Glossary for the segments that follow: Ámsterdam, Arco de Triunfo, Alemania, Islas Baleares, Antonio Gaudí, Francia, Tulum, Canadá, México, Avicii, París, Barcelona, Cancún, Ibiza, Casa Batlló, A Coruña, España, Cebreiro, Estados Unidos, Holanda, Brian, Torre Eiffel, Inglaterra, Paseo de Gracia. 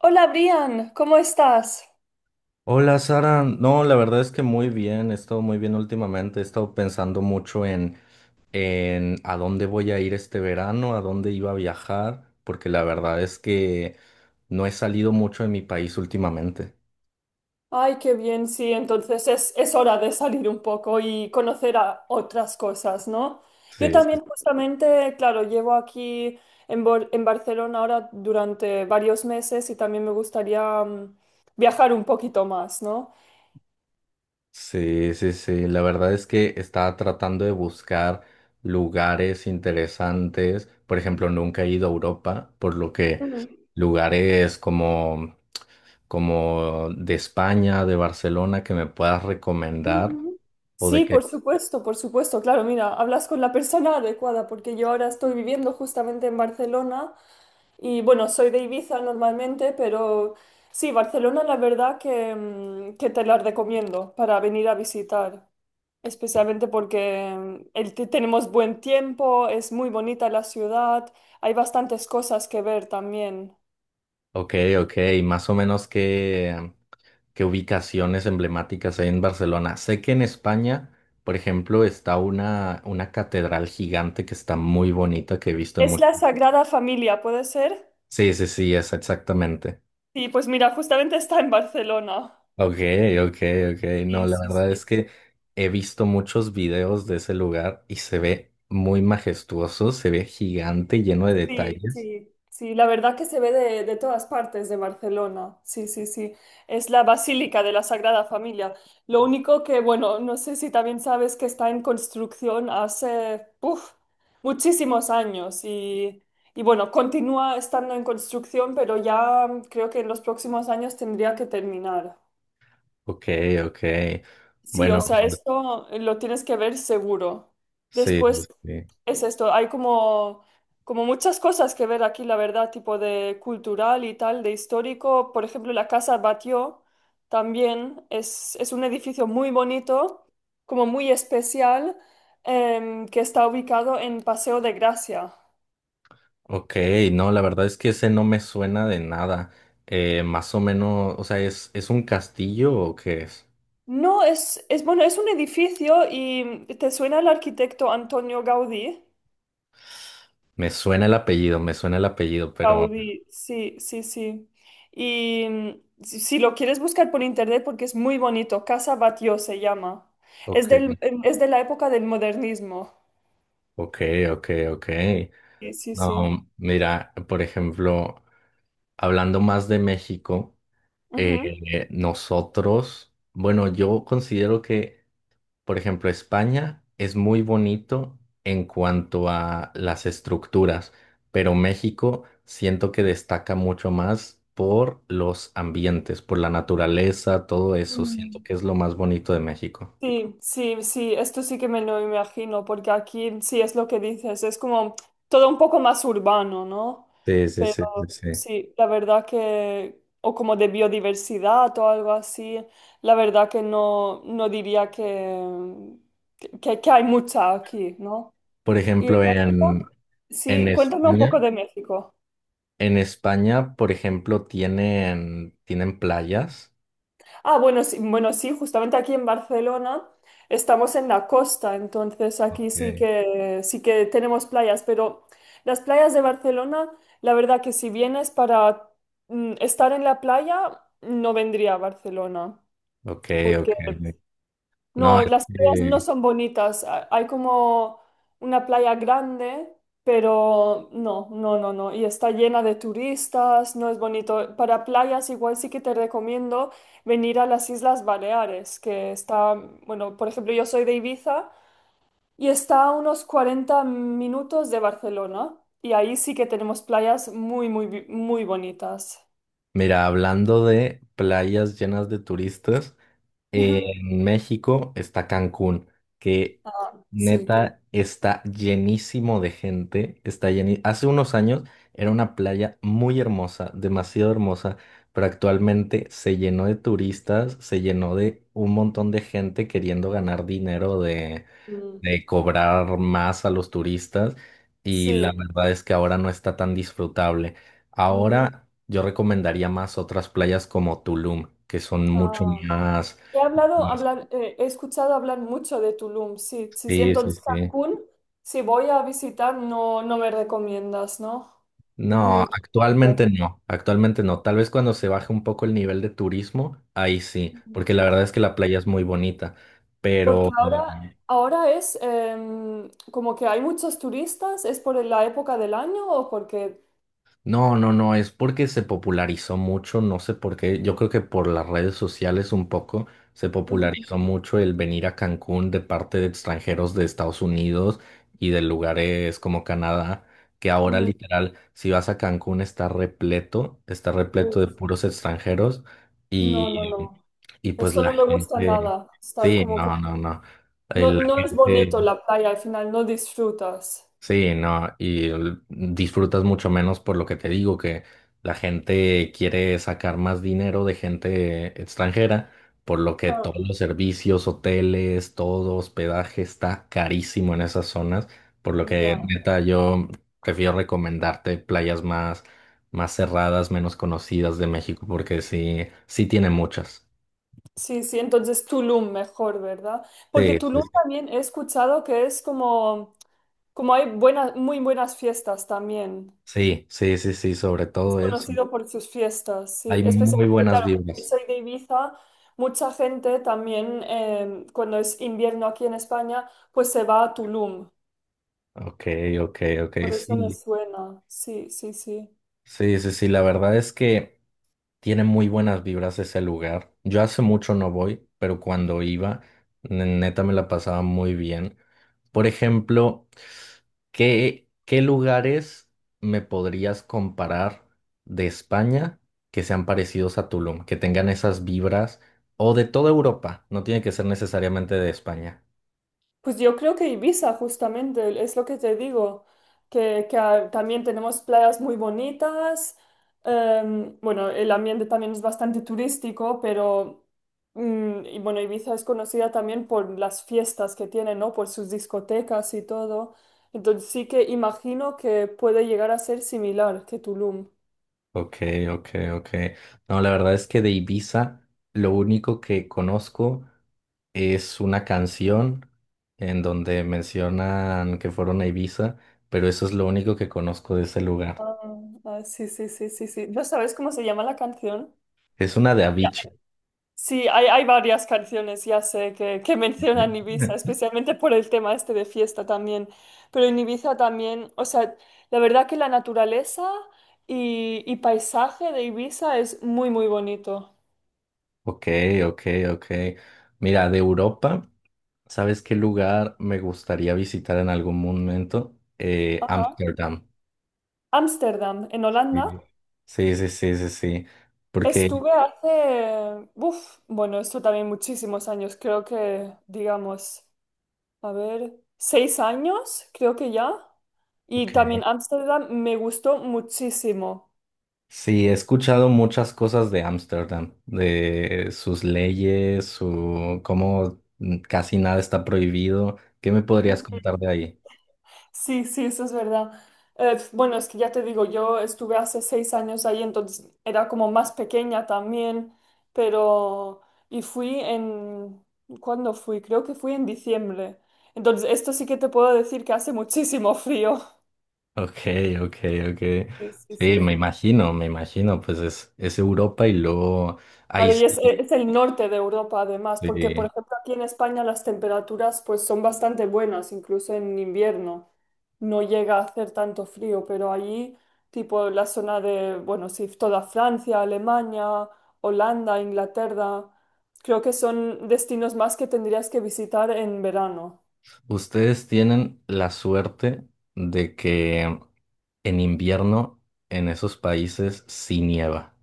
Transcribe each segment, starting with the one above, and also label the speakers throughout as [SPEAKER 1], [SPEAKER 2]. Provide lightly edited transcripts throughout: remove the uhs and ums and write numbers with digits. [SPEAKER 1] Hola Brian, ¿cómo estás?
[SPEAKER 2] Hola Sara, no, la verdad es que muy bien, he estado muy bien últimamente, he estado pensando mucho en a dónde voy a ir este verano, a dónde iba a viajar, porque la verdad es que no he salido mucho de mi país últimamente.
[SPEAKER 1] Ay, qué bien, sí, entonces es hora de salir un poco y conocer a otras cosas, ¿no? Yo
[SPEAKER 2] Sí, sí.
[SPEAKER 1] también justamente, claro, llevo aquí en Barcelona ahora durante varios meses y también me gustaría viajar un poquito más, ¿no?
[SPEAKER 2] Sí, sí, sí, la verdad es que estaba tratando de buscar lugares interesantes, por ejemplo, nunca he ido a Europa, por lo que
[SPEAKER 1] Mm,
[SPEAKER 2] lugares como de España, de Barcelona, que me puedas recomendar
[SPEAKER 1] ujú.
[SPEAKER 2] o de
[SPEAKER 1] Sí, por
[SPEAKER 2] qué.
[SPEAKER 1] supuesto, por supuesto, claro, mira, hablas con la persona adecuada porque yo ahora estoy viviendo justamente en Barcelona. Y bueno, soy de Ibiza normalmente, pero sí, Barcelona la verdad que que te la recomiendo para venir a visitar, especialmente porque tenemos buen tiempo, es muy bonita la ciudad, hay bastantes cosas que ver también.
[SPEAKER 2] Ok, ok, más o menos, qué ubicaciones emblemáticas hay en Barcelona. Sé que en España, por ejemplo, está una catedral gigante que está muy bonita que he visto en
[SPEAKER 1] Es
[SPEAKER 2] muchos.
[SPEAKER 1] la Sagrada Familia, ¿puede ser?
[SPEAKER 2] Sí, sí, sí, es exactamente.
[SPEAKER 1] Sí, pues mira, justamente está en Barcelona.
[SPEAKER 2] Ok, ok, ok. No,
[SPEAKER 1] Sí,
[SPEAKER 2] la
[SPEAKER 1] sí,
[SPEAKER 2] verdad es
[SPEAKER 1] sí.
[SPEAKER 2] que he visto muchos videos de ese lugar y se ve muy majestuoso, se ve gigante, lleno de
[SPEAKER 1] Sí,
[SPEAKER 2] detalles.
[SPEAKER 1] sí, sí, la verdad que se ve de todas partes de Barcelona. Sí, sí, sí. Es la Basílica de la Sagrada Familia. Lo único que, bueno, no sé si también sabes que está en construcción hace, uf, muchísimos años y bueno, continúa estando en construcción, pero ya creo que en los próximos años tendría que terminar.
[SPEAKER 2] Ok, ok.
[SPEAKER 1] Sí, o
[SPEAKER 2] Bueno,
[SPEAKER 1] sea, esto lo tienes que ver seguro.
[SPEAKER 2] sí,
[SPEAKER 1] Después
[SPEAKER 2] sí.
[SPEAKER 1] es esto, hay como muchas cosas que ver aquí, la verdad, tipo de cultural y tal, de histórico. Por ejemplo, la Casa Batlló también es un edificio muy bonito, como muy especial, que está ubicado en Paseo de Gracia.
[SPEAKER 2] Ok, no, la verdad es que ese no me suena de nada. Más o menos, o sea, ¿es un castillo o qué es?
[SPEAKER 1] No, es bueno, es un edificio y ¿te suena el arquitecto Antonio Gaudí?
[SPEAKER 2] Me suena el apellido, me suena el apellido, pero...
[SPEAKER 1] Gaudí, sí, sí, sí. Y si lo quieres buscar por internet, porque es muy bonito, Casa Batlló se llama. Es
[SPEAKER 2] Ok,
[SPEAKER 1] es de la época del modernismo.
[SPEAKER 2] ok, ok, ok.
[SPEAKER 1] Sí, sí, sí.
[SPEAKER 2] No, mira, por ejemplo, hablando más de México,
[SPEAKER 1] Ujú.
[SPEAKER 2] nosotros, bueno, yo considero que... Por ejemplo, España es muy bonito en cuanto a las estructuras, pero México siento que destaca mucho más por los ambientes, por la naturaleza, todo eso. Siento
[SPEAKER 1] Mm.
[SPEAKER 2] que es lo más bonito de México.
[SPEAKER 1] Sí, sí, sí, esto sí que me lo imagino, porque aquí sí es lo que dices, es como todo un poco más urbano, ¿no?
[SPEAKER 2] Sí, sí, sí, sí, sí.
[SPEAKER 1] Sí, la verdad que, o como de biodiversidad o algo así, la verdad que no, no diría que hay mucha aquí, ¿no?
[SPEAKER 2] Por
[SPEAKER 1] ¿Y en
[SPEAKER 2] ejemplo,
[SPEAKER 1] México?
[SPEAKER 2] en
[SPEAKER 1] Sí, cuéntame un poco
[SPEAKER 2] España,
[SPEAKER 1] de México.
[SPEAKER 2] en España, por ejemplo, tienen playas.
[SPEAKER 1] Ah, bueno, sí, bueno, sí, justamente aquí en Barcelona estamos en la costa, entonces aquí
[SPEAKER 2] Okay.
[SPEAKER 1] sí que tenemos playas, pero las playas de Barcelona, la verdad que si vienes para estar en la playa, no vendría a Barcelona.
[SPEAKER 2] Ok, ok.
[SPEAKER 1] Porque
[SPEAKER 2] No,
[SPEAKER 1] no,
[SPEAKER 2] es
[SPEAKER 1] las playas no
[SPEAKER 2] que,
[SPEAKER 1] son bonitas. Hay como una playa grande, pero no. Y está llena de turistas, no es bonito. Para playas igual sí que te recomiendo venir a las Islas Baleares, que está, bueno, por ejemplo, yo soy de Ibiza y está a unos 40 minutos de Barcelona. Y ahí sí que tenemos playas muy bonitas.
[SPEAKER 2] mira, hablando de playas llenas de turistas. En México está Cancún, que
[SPEAKER 1] Sí.
[SPEAKER 2] neta está llenísimo de gente, está lleni- Hace unos años era una playa muy hermosa, demasiado hermosa, pero actualmente se llenó de turistas, se llenó de un montón de gente queriendo ganar dinero
[SPEAKER 1] Mm.
[SPEAKER 2] de cobrar más a los turistas y la
[SPEAKER 1] Sí.
[SPEAKER 2] verdad es que ahora no está tan disfrutable.
[SPEAKER 1] Mm,
[SPEAKER 2] Ahora yo recomendaría más otras playas como Tulum, que son mucho
[SPEAKER 1] ah.
[SPEAKER 2] más... más-
[SPEAKER 1] He escuchado hablar mucho de Tulum, sí, sí, sí.
[SPEAKER 2] Sí, sí,
[SPEAKER 1] Entonces,
[SPEAKER 2] sí.
[SPEAKER 1] Cancún, si voy a visitar, no me recomiendas, ¿no?
[SPEAKER 2] No,
[SPEAKER 1] Muy turístico.
[SPEAKER 2] actualmente no, actualmente no. Tal vez cuando se baje un poco el nivel de turismo, ahí sí, porque la verdad es que la playa es muy bonita,
[SPEAKER 1] Porque
[SPEAKER 2] pero...
[SPEAKER 1] ahora, Ahora es como que hay muchos turistas, ¿es por la época del año o porque...
[SPEAKER 2] No, no, no, es porque se popularizó mucho, no sé por qué, yo creo que por las redes sociales un poco se
[SPEAKER 1] Ujú.
[SPEAKER 2] popularizó mucho el venir a Cancún de parte de extranjeros de Estados Unidos y de lugares como Canadá, que ahora
[SPEAKER 1] Mm,
[SPEAKER 2] literal, si vas a Cancún está repleto
[SPEAKER 1] pues,
[SPEAKER 2] de puros extranjeros
[SPEAKER 1] no, no,
[SPEAKER 2] y,
[SPEAKER 1] no.
[SPEAKER 2] y pues
[SPEAKER 1] Esto
[SPEAKER 2] la
[SPEAKER 1] no me gusta
[SPEAKER 2] gente,
[SPEAKER 1] nada, estar
[SPEAKER 2] sí,
[SPEAKER 1] como...
[SPEAKER 2] no, no, no,
[SPEAKER 1] No,
[SPEAKER 2] la
[SPEAKER 1] no es bonito
[SPEAKER 2] gente...
[SPEAKER 1] la playa, al final no disfrutas.
[SPEAKER 2] Sí, no, y l- disfrutas mucho menos por lo que te digo, que la gente quiere sacar más dinero de gente extranjera, por lo que
[SPEAKER 1] Ah,
[SPEAKER 2] todos los servicios, hoteles, todo hospedaje está carísimo en esas zonas, por lo que
[SPEAKER 1] ya.
[SPEAKER 2] neta yo prefiero recomendarte playas más, más cerradas, menos conocidas de México, porque sí, sí tiene muchas.
[SPEAKER 1] Sí, sí, entonces Tulum mejor, ¿verdad? Porque
[SPEAKER 2] Sí, sí,
[SPEAKER 1] Tulum también he escuchado que es como, como hay muy buenas fiestas también.
[SPEAKER 2] sí, sí, sí, sí, sí, sobre
[SPEAKER 1] Es
[SPEAKER 2] todo eso.
[SPEAKER 1] conocido por sus fiestas,
[SPEAKER 2] Hay
[SPEAKER 1] sí.
[SPEAKER 2] muy
[SPEAKER 1] Especialmente,
[SPEAKER 2] buenas
[SPEAKER 1] claro, como yo
[SPEAKER 2] vibras.
[SPEAKER 1] soy de Ibiza, mucha gente también, cuando es invierno aquí en España, pues se va a Tulum.
[SPEAKER 2] Ok, ok, ok,
[SPEAKER 1] Por eso me
[SPEAKER 2] sí.
[SPEAKER 1] suena, sí, sí, sí.
[SPEAKER 2] Sí, sí, sí, la verdad es que tiene muy buenas vibras ese lugar. Yo hace mucho no voy, pero cuando iba, ne- neta me la pasaba muy bien. Por ejemplo, ¿qué lugares me podrías comparar de España que sean parecidos a Tulum, que tengan esas vibras, o de toda Europa? No tiene que ser necesariamente de España.
[SPEAKER 1] Pues yo creo que Ibiza, justamente, es lo que te digo, que también tenemos playas muy bonitas, bueno, el ambiente también es bastante turístico, pero, y bueno, Ibiza es conocida también por las fiestas que tiene, ¿no? Por sus discotecas y todo. Entonces sí que imagino que puede llegar a ser similar que Tulum.
[SPEAKER 2] Ok, ok, ok. No, la verdad es que de Ibiza lo único que conozco es una canción en donde mencionan que fueron a Ibiza, pero eso es lo único que conozco de ese lugar.
[SPEAKER 1] Ah, ah, sí, sí, sí, sí, sí. ¿No sabes cómo se llama la canción?
[SPEAKER 2] Es una de Avicii.
[SPEAKER 1] Sí, hay varias canciones, ya sé, que mencionan Ibiza, especialmente por el tema este de fiesta también. Pero en Ibiza también, o sea, la verdad que la naturaleza y paisaje de Ibiza es muy, muy bonito.
[SPEAKER 2] Ok, ok, ok. Mira, de Europa, ¿sabes qué lugar me gustaría visitar en algún momento?
[SPEAKER 1] Ajá.
[SPEAKER 2] Ámsterdam.
[SPEAKER 1] Ámsterdam, en Holanda,
[SPEAKER 2] Sí, sí, sí, sí, sí, sí. Porque,
[SPEAKER 1] estuve hace, uf, bueno, esto también muchísimos años, creo que, digamos, a ver, 6 años, creo que ya. Y
[SPEAKER 2] ok.
[SPEAKER 1] también Ámsterdam me gustó muchísimo.
[SPEAKER 2] Sí, he escuchado muchas cosas de Ámsterdam, de sus leyes, su cómo casi nada está prohibido. ¿Qué me podrías contar de ahí?
[SPEAKER 1] Sí, sí, eso es verdad. Bueno, es que ya te digo, yo estuve hace 6 años ahí, entonces era como más pequeña también, pero... Y fui en... ¿Cuándo fui? Creo que fui en diciembre. Entonces, esto sí que te puedo decir que hace muchísimo frío.
[SPEAKER 2] Ok, ok, ok.
[SPEAKER 1] Sí, sí,
[SPEAKER 2] Sí,
[SPEAKER 1] sí.
[SPEAKER 2] me imagino, pues es Europa y luego ahí
[SPEAKER 1] Claro, y
[SPEAKER 2] sí.
[SPEAKER 1] es el norte de Europa además, porque por
[SPEAKER 2] eh,
[SPEAKER 1] ejemplo aquí en España las temperaturas pues son bastante buenas, incluso en invierno no llega a hacer tanto frío, pero allí tipo la zona de, bueno, sí, toda Francia, Alemania, Holanda, Inglaterra, creo que son destinos más que tendrías que visitar en verano.
[SPEAKER 2] Ustedes tienen la suerte de que en invierno en esos países sí nieva.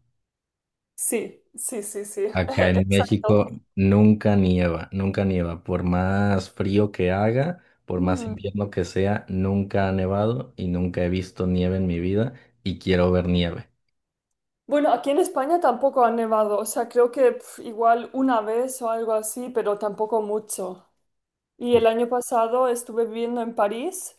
[SPEAKER 1] Sí, sí, sí, sí,
[SPEAKER 2] Acá en
[SPEAKER 1] exacto.
[SPEAKER 2] México nunca nieva, nunca nieva. Por más frío que haga, por más
[SPEAKER 1] Mm.
[SPEAKER 2] invierno que sea, nunca ha nevado y nunca he visto nieve en mi vida y quiero ver nieve.
[SPEAKER 1] Bueno, aquí en España tampoco ha nevado, o sea, creo que pf, igual una vez o algo así, pero tampoco mucho. Y el
[SPEAKER 2] O-
[SPEAKER 1] año pasado estuve viviendo en París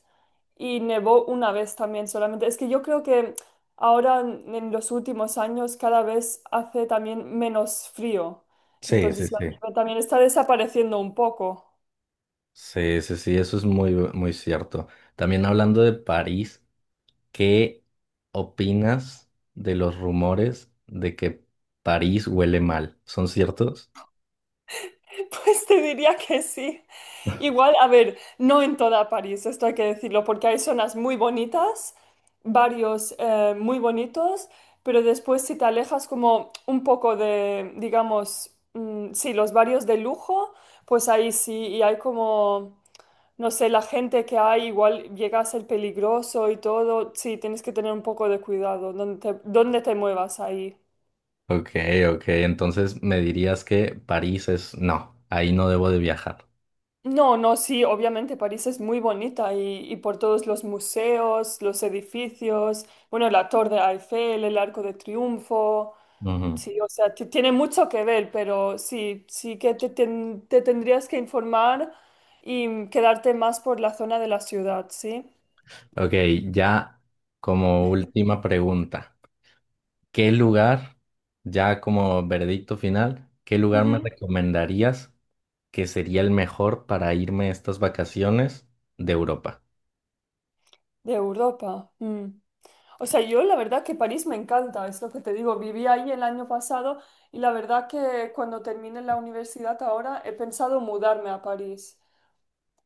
[SPEAKER 1] y nevó una vez también solamente. Es que yo creo que ahora en los últimos años cada vez hace también menos frío.
[SPEAKER 2] Sí, sí,
[SPEAKER 1] Entonces la
[SPEAKER 2] sí.
[SPEAKER 1] nieve también está desapareciendo un poco.
[SPEAKER 2] Sí, sí, sí, eso es muy, muy cierto. También hablando de París, ¿qué opinas de los rumores de que París huele mal? ¿Son ciertos?
[SPEAKER 1] Pues te diría que sí. Igual, a ver, no en toda París, esto hay que decirlo, porque hay zonas muy bonitas, varios muy bonitos, pero después si te alejas como un poco de, digamos, sí, los barrios de lujo, pues ahí sí, y hay como, no sé, la gente que hay, igual llega a ser peligroso y todo, sí, tienes que tener un poco de cuidado donde dónde te muevas ahí.
[SPEAKER 2] Ok, ok, entonces me dirías que París es... No, ahí no debo de viajar.
[SPEAKER 1] No, no, sí, obviamente París es muy bonita y por todos los museos, los edificios, bueno, la Torre Eiffel, el Arco de Triunfo,
[SPEAKER 2] Ujú.
[SPEAKER 1] sí, o sea, tiene mucho que ver, pero sí, sí que te tendrías que informar y quedarte más por la zona de la ciudad, ¿sí?
[SPEAKER 2] Ok, ya como última pregunta, ¿qué lugar, ya como veredicto final, qué lugar me
[SPEAKER 1] Ujú.
[SPEAKER 2] recomendarías que sería el mejor para irme estas vacaciones de Europa?
[SPEAKER 1] De Europa. Mm. O sea, yo la verdad que París me encanta, es lo que te digo, viví ahí el año pasado y la verdad que cuando termine la universidad ahora he pensado mudarme a París.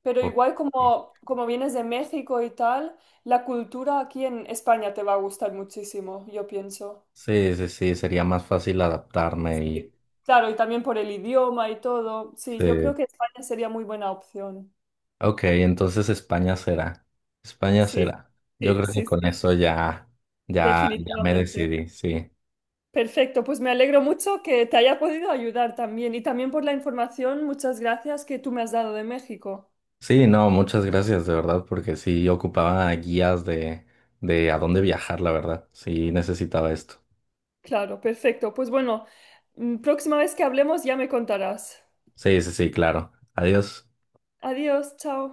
[SPEAKER 1] Pero
[SPEAKER 2] Ok.
[SPEAKER 1] igual como vienes de México y tal, la cultura aquí en España te va a gustar muchísimo, yo pienso.
[SPEAKER 2] Sí, sí, sí, sería más fácil adaptarme
[SPEAKER 1] Y-
[SPEAKER 2] y...
[SPEAKER 1] Claro, y también por el idioma y todo. Sí,
[SPEAKER 2] Sí.
[SPEAKER 1] yo creo que España sería muy buena opción.
[SPEAKER 2] Ok, entonces España será, España
[SPEAKER 1] Sí,
[SPEAKER 2] será. Yo
[SPEAKER 1] sí,
[SPEAKER 2] creo que
[SPEAKER 1] sí,
[SPEAKER 2] con
[SPEAKER 1] sí,
[SPEAKER 2] eso ya, ya, ya me
[SPEAKER 1] definitivamente.
[SPEAKER 2] decidí, sí.
[SPEAKER 1] Perfecto, pues me alegro mucho que te haya podido ayudar también y también por la información, muchas gracias que tú me has dado de México.
[SPEAKER 2] Sí, no, muchas gracias, de verdad, porque sí ocupaba guías de a dónde viajar, la verdad. Sí necesitaba esto.
[SPEAKER 1] Claro, perfecto. Pues bueno, próxima vez que hablemos ya me contarás.
[SPEAKER 2] Sí, sí, sí, claro. Adiós.
[SPEAKER 1] Adiós, chao.